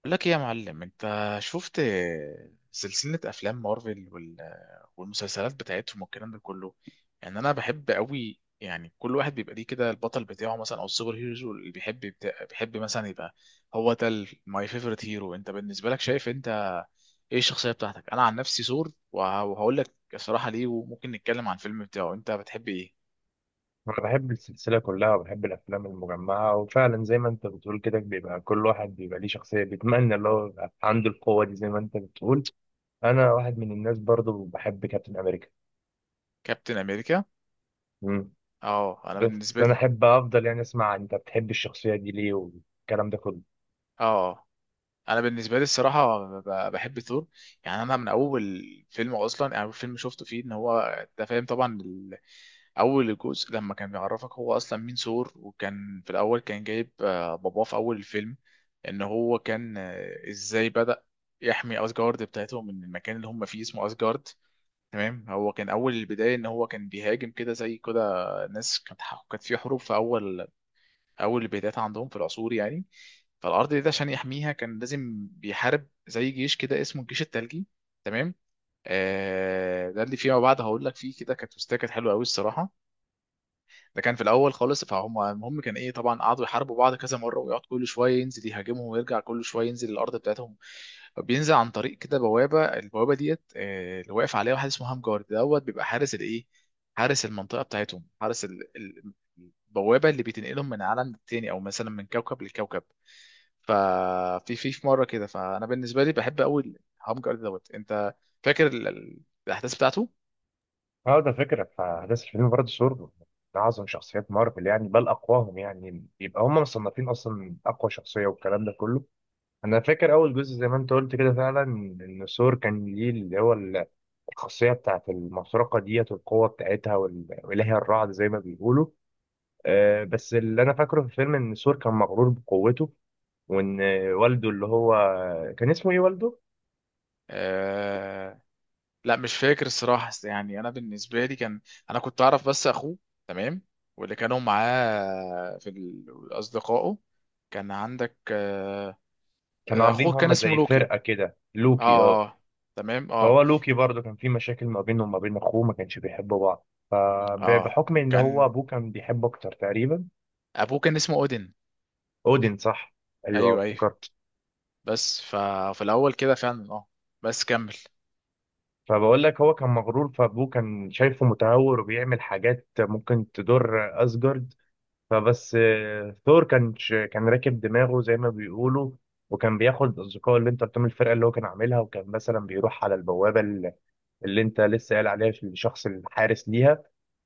بقول لك ايه يا معلم؟ انت شفت سلسلة افلام مارفل وال- والمسلسلات بتاعتهم والكلام ده كله؟ يعني انا بحب قوي، يعني كل واحد بيبقى ليه كده البطل بتاعه مثلا او السوبر هيرو اللي بيحب بيحب مثلا يبقى هو ده ماي فيفورت هيرو. انت بالنسبة لك شايف انت ايه الشخصية بتاعتك؟ انا عن نفسي ثور، وه- وهقول لك الصراحة ليه، وممكن نتكلم عن الفيلم بتاعه. انت بتحب ايه؟ أنا بحب السلسلة كلها وبحب الأفلام المجمعة وفعلا زي ما أنت بتقول كده بيبقى كل واحد بيبقى ليه شخصية بيتمنى اللي هو يبقى عنده القوة دي زي ما أنت بتقول. أنا واحد من الناس برضو بحب كابتن أمريكا. كابتن امريكا. مم. اه، انا بس بالنسبة لي، أنا أحب أفضل يعني أسمع أنت بتحب الشخصية دي ليه والكلام ده كله. اه، انا بالنسبه لي الصراحه بحب ثور. يعني انا من اول فيلم اصلا، يعني اول فيلم شفته فيه ان هو، انت فاهم طبعا، اول جزء لما كان بيعرفك هو اصلا مين ثور، وكان في الاول كان جايب باباه في اول الفيلم ان هو كان، ازاي بدأ يحمي اسجارد بتاعتهم من المكان اللي هم فيه اسمه اسجارد. تمام. هو كان اول البدايه ان هو كان بيهاجم كده زي كده ناس كانت كانت في حروب في اول البدايات عندهم في العصور يعني. فالارض دي عشان يحميها كان لازم بيحارب زي جيش كده اسمه الجيش الثلجي. تمام. آه، ده اللي فيما بعد هقول لك فيه، كده كانت تستات كانت حلوه قوي الصراحه. ده كان في الاول خالص، فهم. المهم كان ايه، طبعا قعدوا يحاربوا بعض كذا مره، ويقعد كل شويه ينزل يهاجمهم، ويرجع كل شويه ينزل الارض بتاعتهم. فبينزل عن طريق كده بوابه، البوابه ديت اللي واقف عليها واحد اسمه هام جارد دوت، بيبقى حارس الايه، حارس المنطقه بتاعتهم، حارس البوابه اللي بتنقلهم من عالم للتاني، او مثلا من كوكب لكوكب. ففي في في مره كده، فانا بالنسبه لي بحب قوي هام جارد دوت. انت فاكر الاحداث بتاعته؟ أه، ده فكرة فأحداث الفيلم برضه سور من أعظم شخصيات مارفل يعني بل أقواهم يعني يبقى هم مصنفين أصلا أقوى شخصية والكلام ده كله. أنا فاكر أول جزء زي ما أنت قلت كده فعلا إن سور كان ليه اللي هو الخاصية بتاعت المسرقة ديت والقوة بتاعتها وإلهي الرعد زي ما بيقولوا. بس اللي أنا فاكره في الفيلم إن سور كان مغرور بقوته وإن والده اللي هو كان اسمه إيه والده؟ آه، لا مش فاكر الصراحة، بس يعني أنا بالنسبة لي كان، أنا كنت أعرف بس أخوه. تمام. واللي كانوا معاه في أصدقائه، كان عندك كانوا عاملين أخوه كان هما اسمه زي لوكي. فرقة كده لوكي اه اه، تمام اه. فهو لوكي برضه كان في مشاكل ما بينه وما بين أخوه ما كانش بيحبوا بعض اه فبحكم إن هو كان أبوه كان بيحبه أكتر تقريبا. أبوه كان اسمه أودين. أودين صح؟ أيوه أيوه أيوه. افتكرت. بس ففي الأول كده فعلا، اه، بس كمل. فبقول لك هو كان مغرور فابوه كان شايفه متهور وبيعمل حاجات ممكن تضر اسجارد. فبس ثور كان راكب دماغه زي ما بيقولوا. وكان بياخد اصدقائه اللي انت قلت لهم الفرقه اللي هو كان عاملها وكان مثلا بيروح على البوابه اللي انت لسه قايل عليها في الشخص الحارس ليها.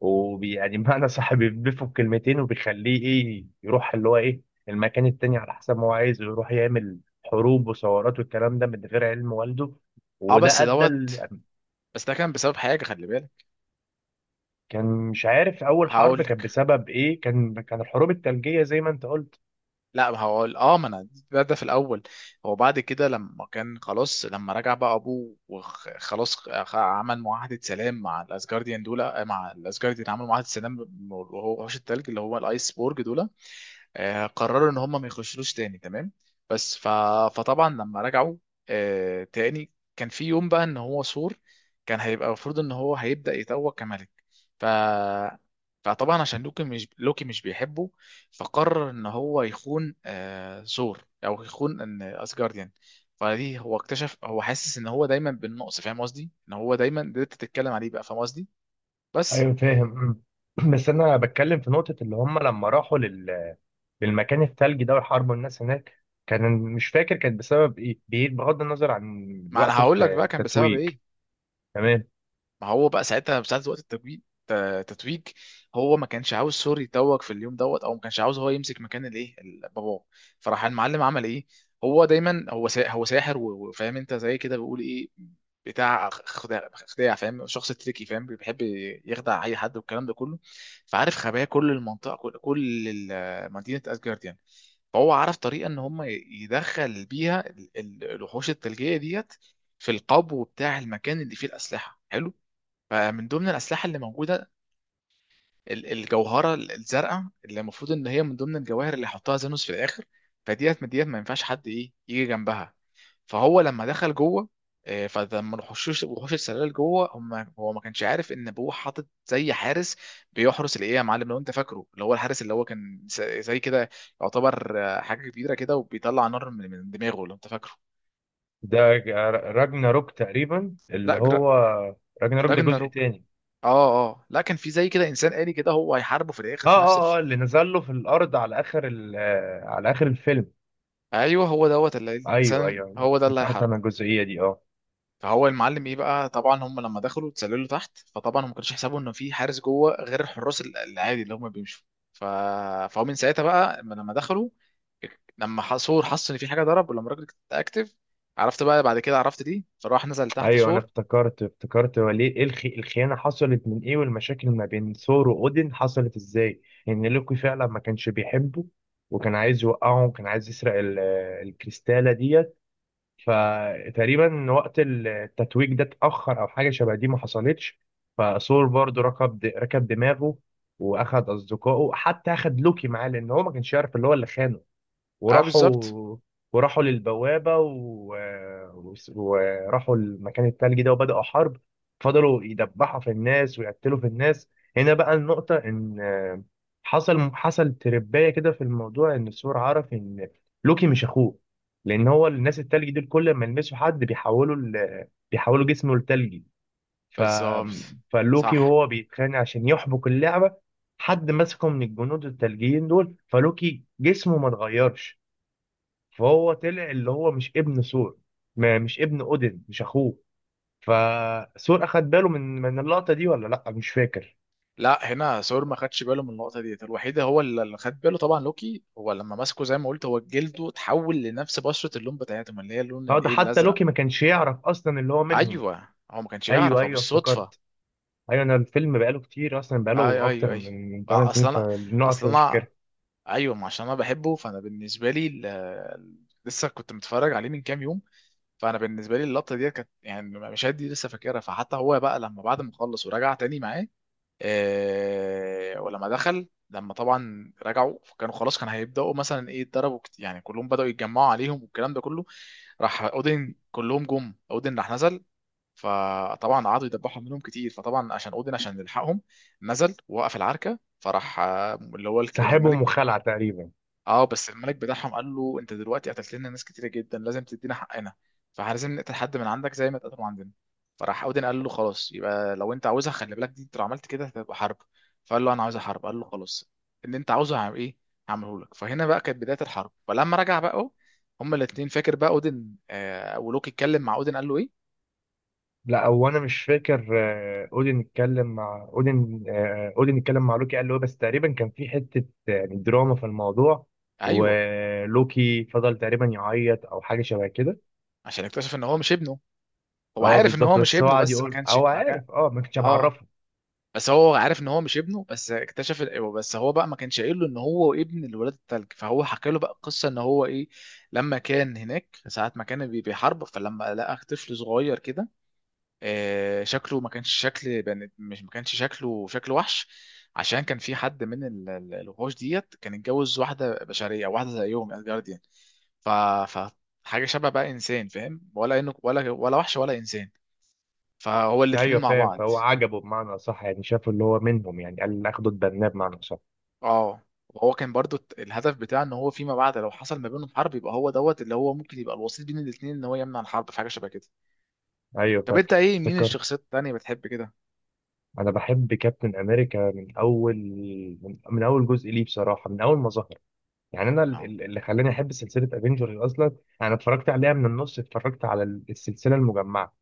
ويعني معنى صح بيضيفه بكلمتين وبيخليه ايه يروح اللي هو ايه المكان التاني على حسب ما هو عايز ويروح يعمل حروب وثورات والكلام ده من غير علم والده. اه بس وده ادى دوت، ال- بس ده كان بسبب حاجة، خلي بالك. كان مش عارف اول حرب هقول. كان بسبب ايه. كان الحروب الثلجيه زي ما انت قلت. لا ما هو اه، ما انا ده في الاول هو بعد كده لما كان خلاص، لما رجع بقى ابوه وخلاص عمل معاهده سلام مع الاسجارديان دول، مع الاسجارديان عملوا معاهده سلام، وهو وحوش التلج اللي هو الايس بورج دول، قرروا ان هم ما يخشلوش تاني. تمام. بس ف... فطبعا لما رجعوا تاني، كان في يوم بقى ان هو سور كان هيبقى، المفروض ان هو هيبدأ يتوج كملك. ف، فطبعا عشان لوكي، مش بيحبه، فقرر ان هو يخون سور، او يخون ان اسجارديان. فدي هو اكتشف، هو حاسس ان هو دايما بالنقص، فاهم قصدي؟ ان هو دايما ده انت تتكلم عليه بقى، فاهم قصدي؟ بس. ايوه فاهم. مم. بس انا بتكلم في نقطه اللي هم لما راحوا للمكان الثلجي ده وحاربوا الناس هناك كان مش فاكر كانت بسبب ايه بعيد بغض النظر عن ما انا وقت هقول لك بقى كان بسبب التتويج. ايه. تمام. ما هو بقى ساعتها ساعة وقت التتويج، التتويج هو ما كانش عاوز سوري يتوج في اليوم دوت، او ما كانش عاوز هو يمسك مكان الايه باباه. فراح المعلم عمل ايه، هو دايما هو هو ساحر و- وفاهم انت زي كده، بيقول ايه، بتاع خداع، خداع، فاهم، شخص تريكي، فاهم، بيحب يخدع اي حد والكلام ده كله. فعارف خبايا كل المنطقه، مدينه اسجارد يعني. فهو عرف طريقه ان هم يدخل بيها الوحوش الثلجيه ديت في القبو بتاع المكان اللي فيه الاسلحه. حلو. فمن ضمن الأسلحة اللي موجودة الجوهرة الزرقاء، اللي المفروض إن هي من ضمن الجواهر اللي يحطها زانوس في الآخر. فديت من ديت ما ينفعش حد إيه يجي جنبها. فهو لما دخل جوه، فلما الوحوش، وحوش السلال جوه هم، هو ما كانش عارف ان ابوه حاطط زي حارس بيحرس الايه يا معلم، لو انت فاكره، اللي هو الحارس اللي هو كان زي كده يعتبر حاجه كبيره كده وبيطلع نار من دماغه، لو انت فاكره؟ ده راجناروك تقريبا اللي لا هو. راجناروك ده جزء راجناروك. تاني. اه اه، لا كان في زي كده انسان آلي كده هو هيحاربه في الاخر اه في نفس. اه اه اللي نزل له في الارض على اخر الفيلم. ايوه هو دوت اللي ايوه الانسان، ايوه أيوة، هو ده اللي افتكرت انا هيحاربه. الجزئيه دي اه فهو المعلم ايه بقى، طبعا هم لما دخلوا اتسللوا تحت، فطبعا هم ما كانش حسابهم ان في حارس جوه غير الحراس العادي اللي هم بيمشوا. ف، فهو من ساعتها بقى لما دخلوا، لما سور حس ان في حاجه ضرب، ولما الراجل اكتف، عرفت بقى بعد كده عرفت دي، فراح نزل تحت ايوه انا سور. افتكرت هو ليه ايه الخيانه حصلت من ايه والمشاكل ما بين ثور واودين حصلت ازاي؟ ان لوكي فعلا ما كانش بيحبه وكان عايز يوقعه وكان عايز يسرق الكريستاله ديت. فتقريبا وقت التتويج ده اتاخر او حاجه شبه دي ما حصلتش. فثور برضه ركب دماغه. واخد اصدقائه حتى اخد لوكي معاه لان هو ما كانش يعرف اللي هو اللي خانه. اه بالظبط. وراحوا وراحوا للبوابة وراحوا المكان التلجي ده وبدأوا حرب. فضلوا يدبحوا في الناس ويقتلوا في الناس. هنا بقى النقطة إن حصل ترباية كده في الموضوع إن السور عرف إن لوكي مش أخوه. لأن هو الناس التلجي دول كل ما يلمسوا حد بيحولوا جسمه لتلجي. ف... بالظبط. فلوكي صح. وهو بيتخانق عشان يحبك اللعبة حد مسكه من الجنود التلجيين دول فلوكي جسمه ما اتغيرش. فهو طلع اللي هو مش ابن ثور ما مش ابن اودن مش اخوه. فثور اخد باله من اللقطه دي ولا لا مش فاكر. لا، هنا سور ما خدش باله من النقطه ديت الوحيده، هو اللي اللي خد باله طبعا لوكي، هو لما مسكه زي ما قلت، هو جلده اتحول لنفس بشره اللون بتاعتهم اللي هي اللون اه ده الايه حتى الازرق. لوكي ما كانش يعرف اصلا اللي هو منهم. ايوه هو ما كانش ايوه يعرف، هو ايوه بالصدفه. افتكرت. ايوه انا الفيلم بقاله كتير اصلا اي بقاله ايوه اكتر ايوه. من 8 آه، اصل سنين انا فالنقط اصل مش انا فاكرها. ايوه، ما عشان انا بحبه، فانا بالنسبه لي لسه كنت متفرج عليه من كام يوم. فانا بالنسبه لي اللقطه دي كانت يعني، مشاهد دي لسه فاكرها. فحتى هو بقى لما بعد ما خلص ورجع تاني معاه، ولما دخل، لما طبعا رجعوا، فكانوا خلاص كان هيبداوا مثلا ايه يتضربوا يعني كلهم بداوا يتجمعوا عليهم والكلام ده كله. راح اودن، كلهم جم، اودن راح نزل، فطبعا قعدوا يدبحوا منهم كتير، فطبعا عشان اودن عشان يلحقهم نزل ووقف العركه، فراح اللي هو سحبهم الملك. وخلع تقريبا. اه بس الملك بتاعهم قال له: انت دلوقتي قتلت لنا ناس كتيره جدا، لازم تدينا حقنا، فلازم نقتل حد من عندك زي ما اتقتلوا عندنا. فراح اودن قال له: خلاص، يبقى لو انت عاوزها، خلي بالك دي، انت لو عملت كده هتبقى حرب. فقال له: انا عاوز حرب. قال له: خلاص، اللي انت عاوزه هعمل ايه، هعمله لك. فهنا بقى كانت بدايه الحرب. فلما رجع بقى هما الاثنين، فاكر بقى اودن آه، ولوكي اتكلم مع اودن قال له ايه؟ لا هو انا مش فاكر. اودين اتكلم مع لوكي قال له إيه، بس تقريبا كان في حته يعني دراما في الموضوع. ايوه، ولوكي فضل تقريبا يعيط او حاجه شبه كده. عشان اكتشف ان هو مش ابنه. هو اه عارف ان هو بالظبط مش بس هو ابنه، قعد بس ما يقول كانش، هو ما كان عارف ما كنتش اه معرفه. بس هو عارف ان هو مش ابنه، بس اكتشف بس هو بقى ما كانش قايل له ان هو ابن الولاد التلج. فهو حكى له بقى قصه ان هو ايه، لما كان هناك ساعه ما كان بيحارب، فلما لقى طفل صغير كده شكله ما كانش شكل مش ما كانش شكله شكل وحش، عشان كان في حد من الوحوش ديت كان اتجوز واحده بشريه، واحده زيهم الجارديان. ف ف حاجه شبه بقى انسان، فاهم، ولا انه ولا ولا وحش ولا انسان، فهو الاتنين ايوه مع فاهم. بعض. فهو عجبه بمعنى صح يعني شافه اللي هو منهم يعني قال اخده اتبناه بمعنى صح. اه. وهو كان برضو الهدف بتاعه ان هو فيما بعد لو حصل ما بينهم حرب يبقى هو دوت اللي هو ممكن يبقى الوسيط بين الاثنين، ان هو يمنع الحرب، في حاجه شبه كده. ايوه طب انت فاكر ايه، مين افتكرت. الشخصيات التانيه بتحب كده؟ انا بحب كابتن امريكا من اول من اول جزء ليه بصراحه من اول ما ظهر. يعني انا اه اللي خلاني احب سلسله افنجرز اصلا. انا اتفرجت عليها من النص اتفرجت على السلسله المجمعه.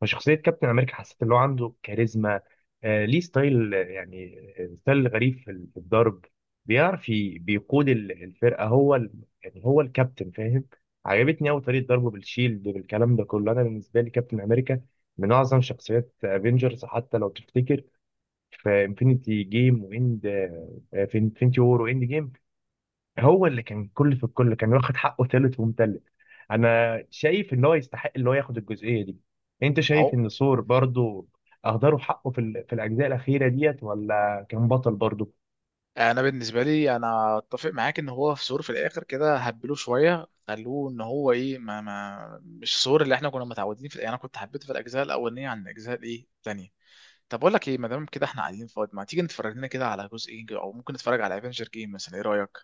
فشخصيه كابتن امريكا حسيت ان هو عنده كاريزما. ليه ستايل، يعني ستايل غريب في الضرب. بيعرف بيقود الفرقه هو. يعني هو الكابتن فاهم. عجبتني قوي طريقه ضربه بالشيلد بالكلام ده كله انا بالنسبه لي كابتن امريكا من اعظم شخصيات افنجرز حتى لو تفتكر في انفينيتي وور واند جيم. هو اللي كان كل في الكل كان واخد حقه ثالث ومتلت. انا شايف ان هو يستحق اللي هو ياخد الجزئيه دي. انت شايف اهو. ان ثور برضو اهدروا حقه في الاجزاء الاخيره ديت ولا كان بطل برضو؟ انا بالنسبه لي انا اتفق معاك ان هو في ثور في الاخر كده هبلوه شويه، خلوه ان هو ايه، ما ما مش ثور اللي احنا كنا متعودين، في يعني انا كنت حبيته في الاجزاء الاولانيه عن الاجزاء الايه التانيه. طب اقول لك ايه، ما دام كده احنا قاعدين فاضي ما تيجي نتفرج لنا كده على جزء ايه، او ممكن نتفرج على افنجر جيم مثلا، ايه رايك؟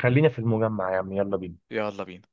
خلينا في المجمع يا عم يلا بينا. يلا بينا.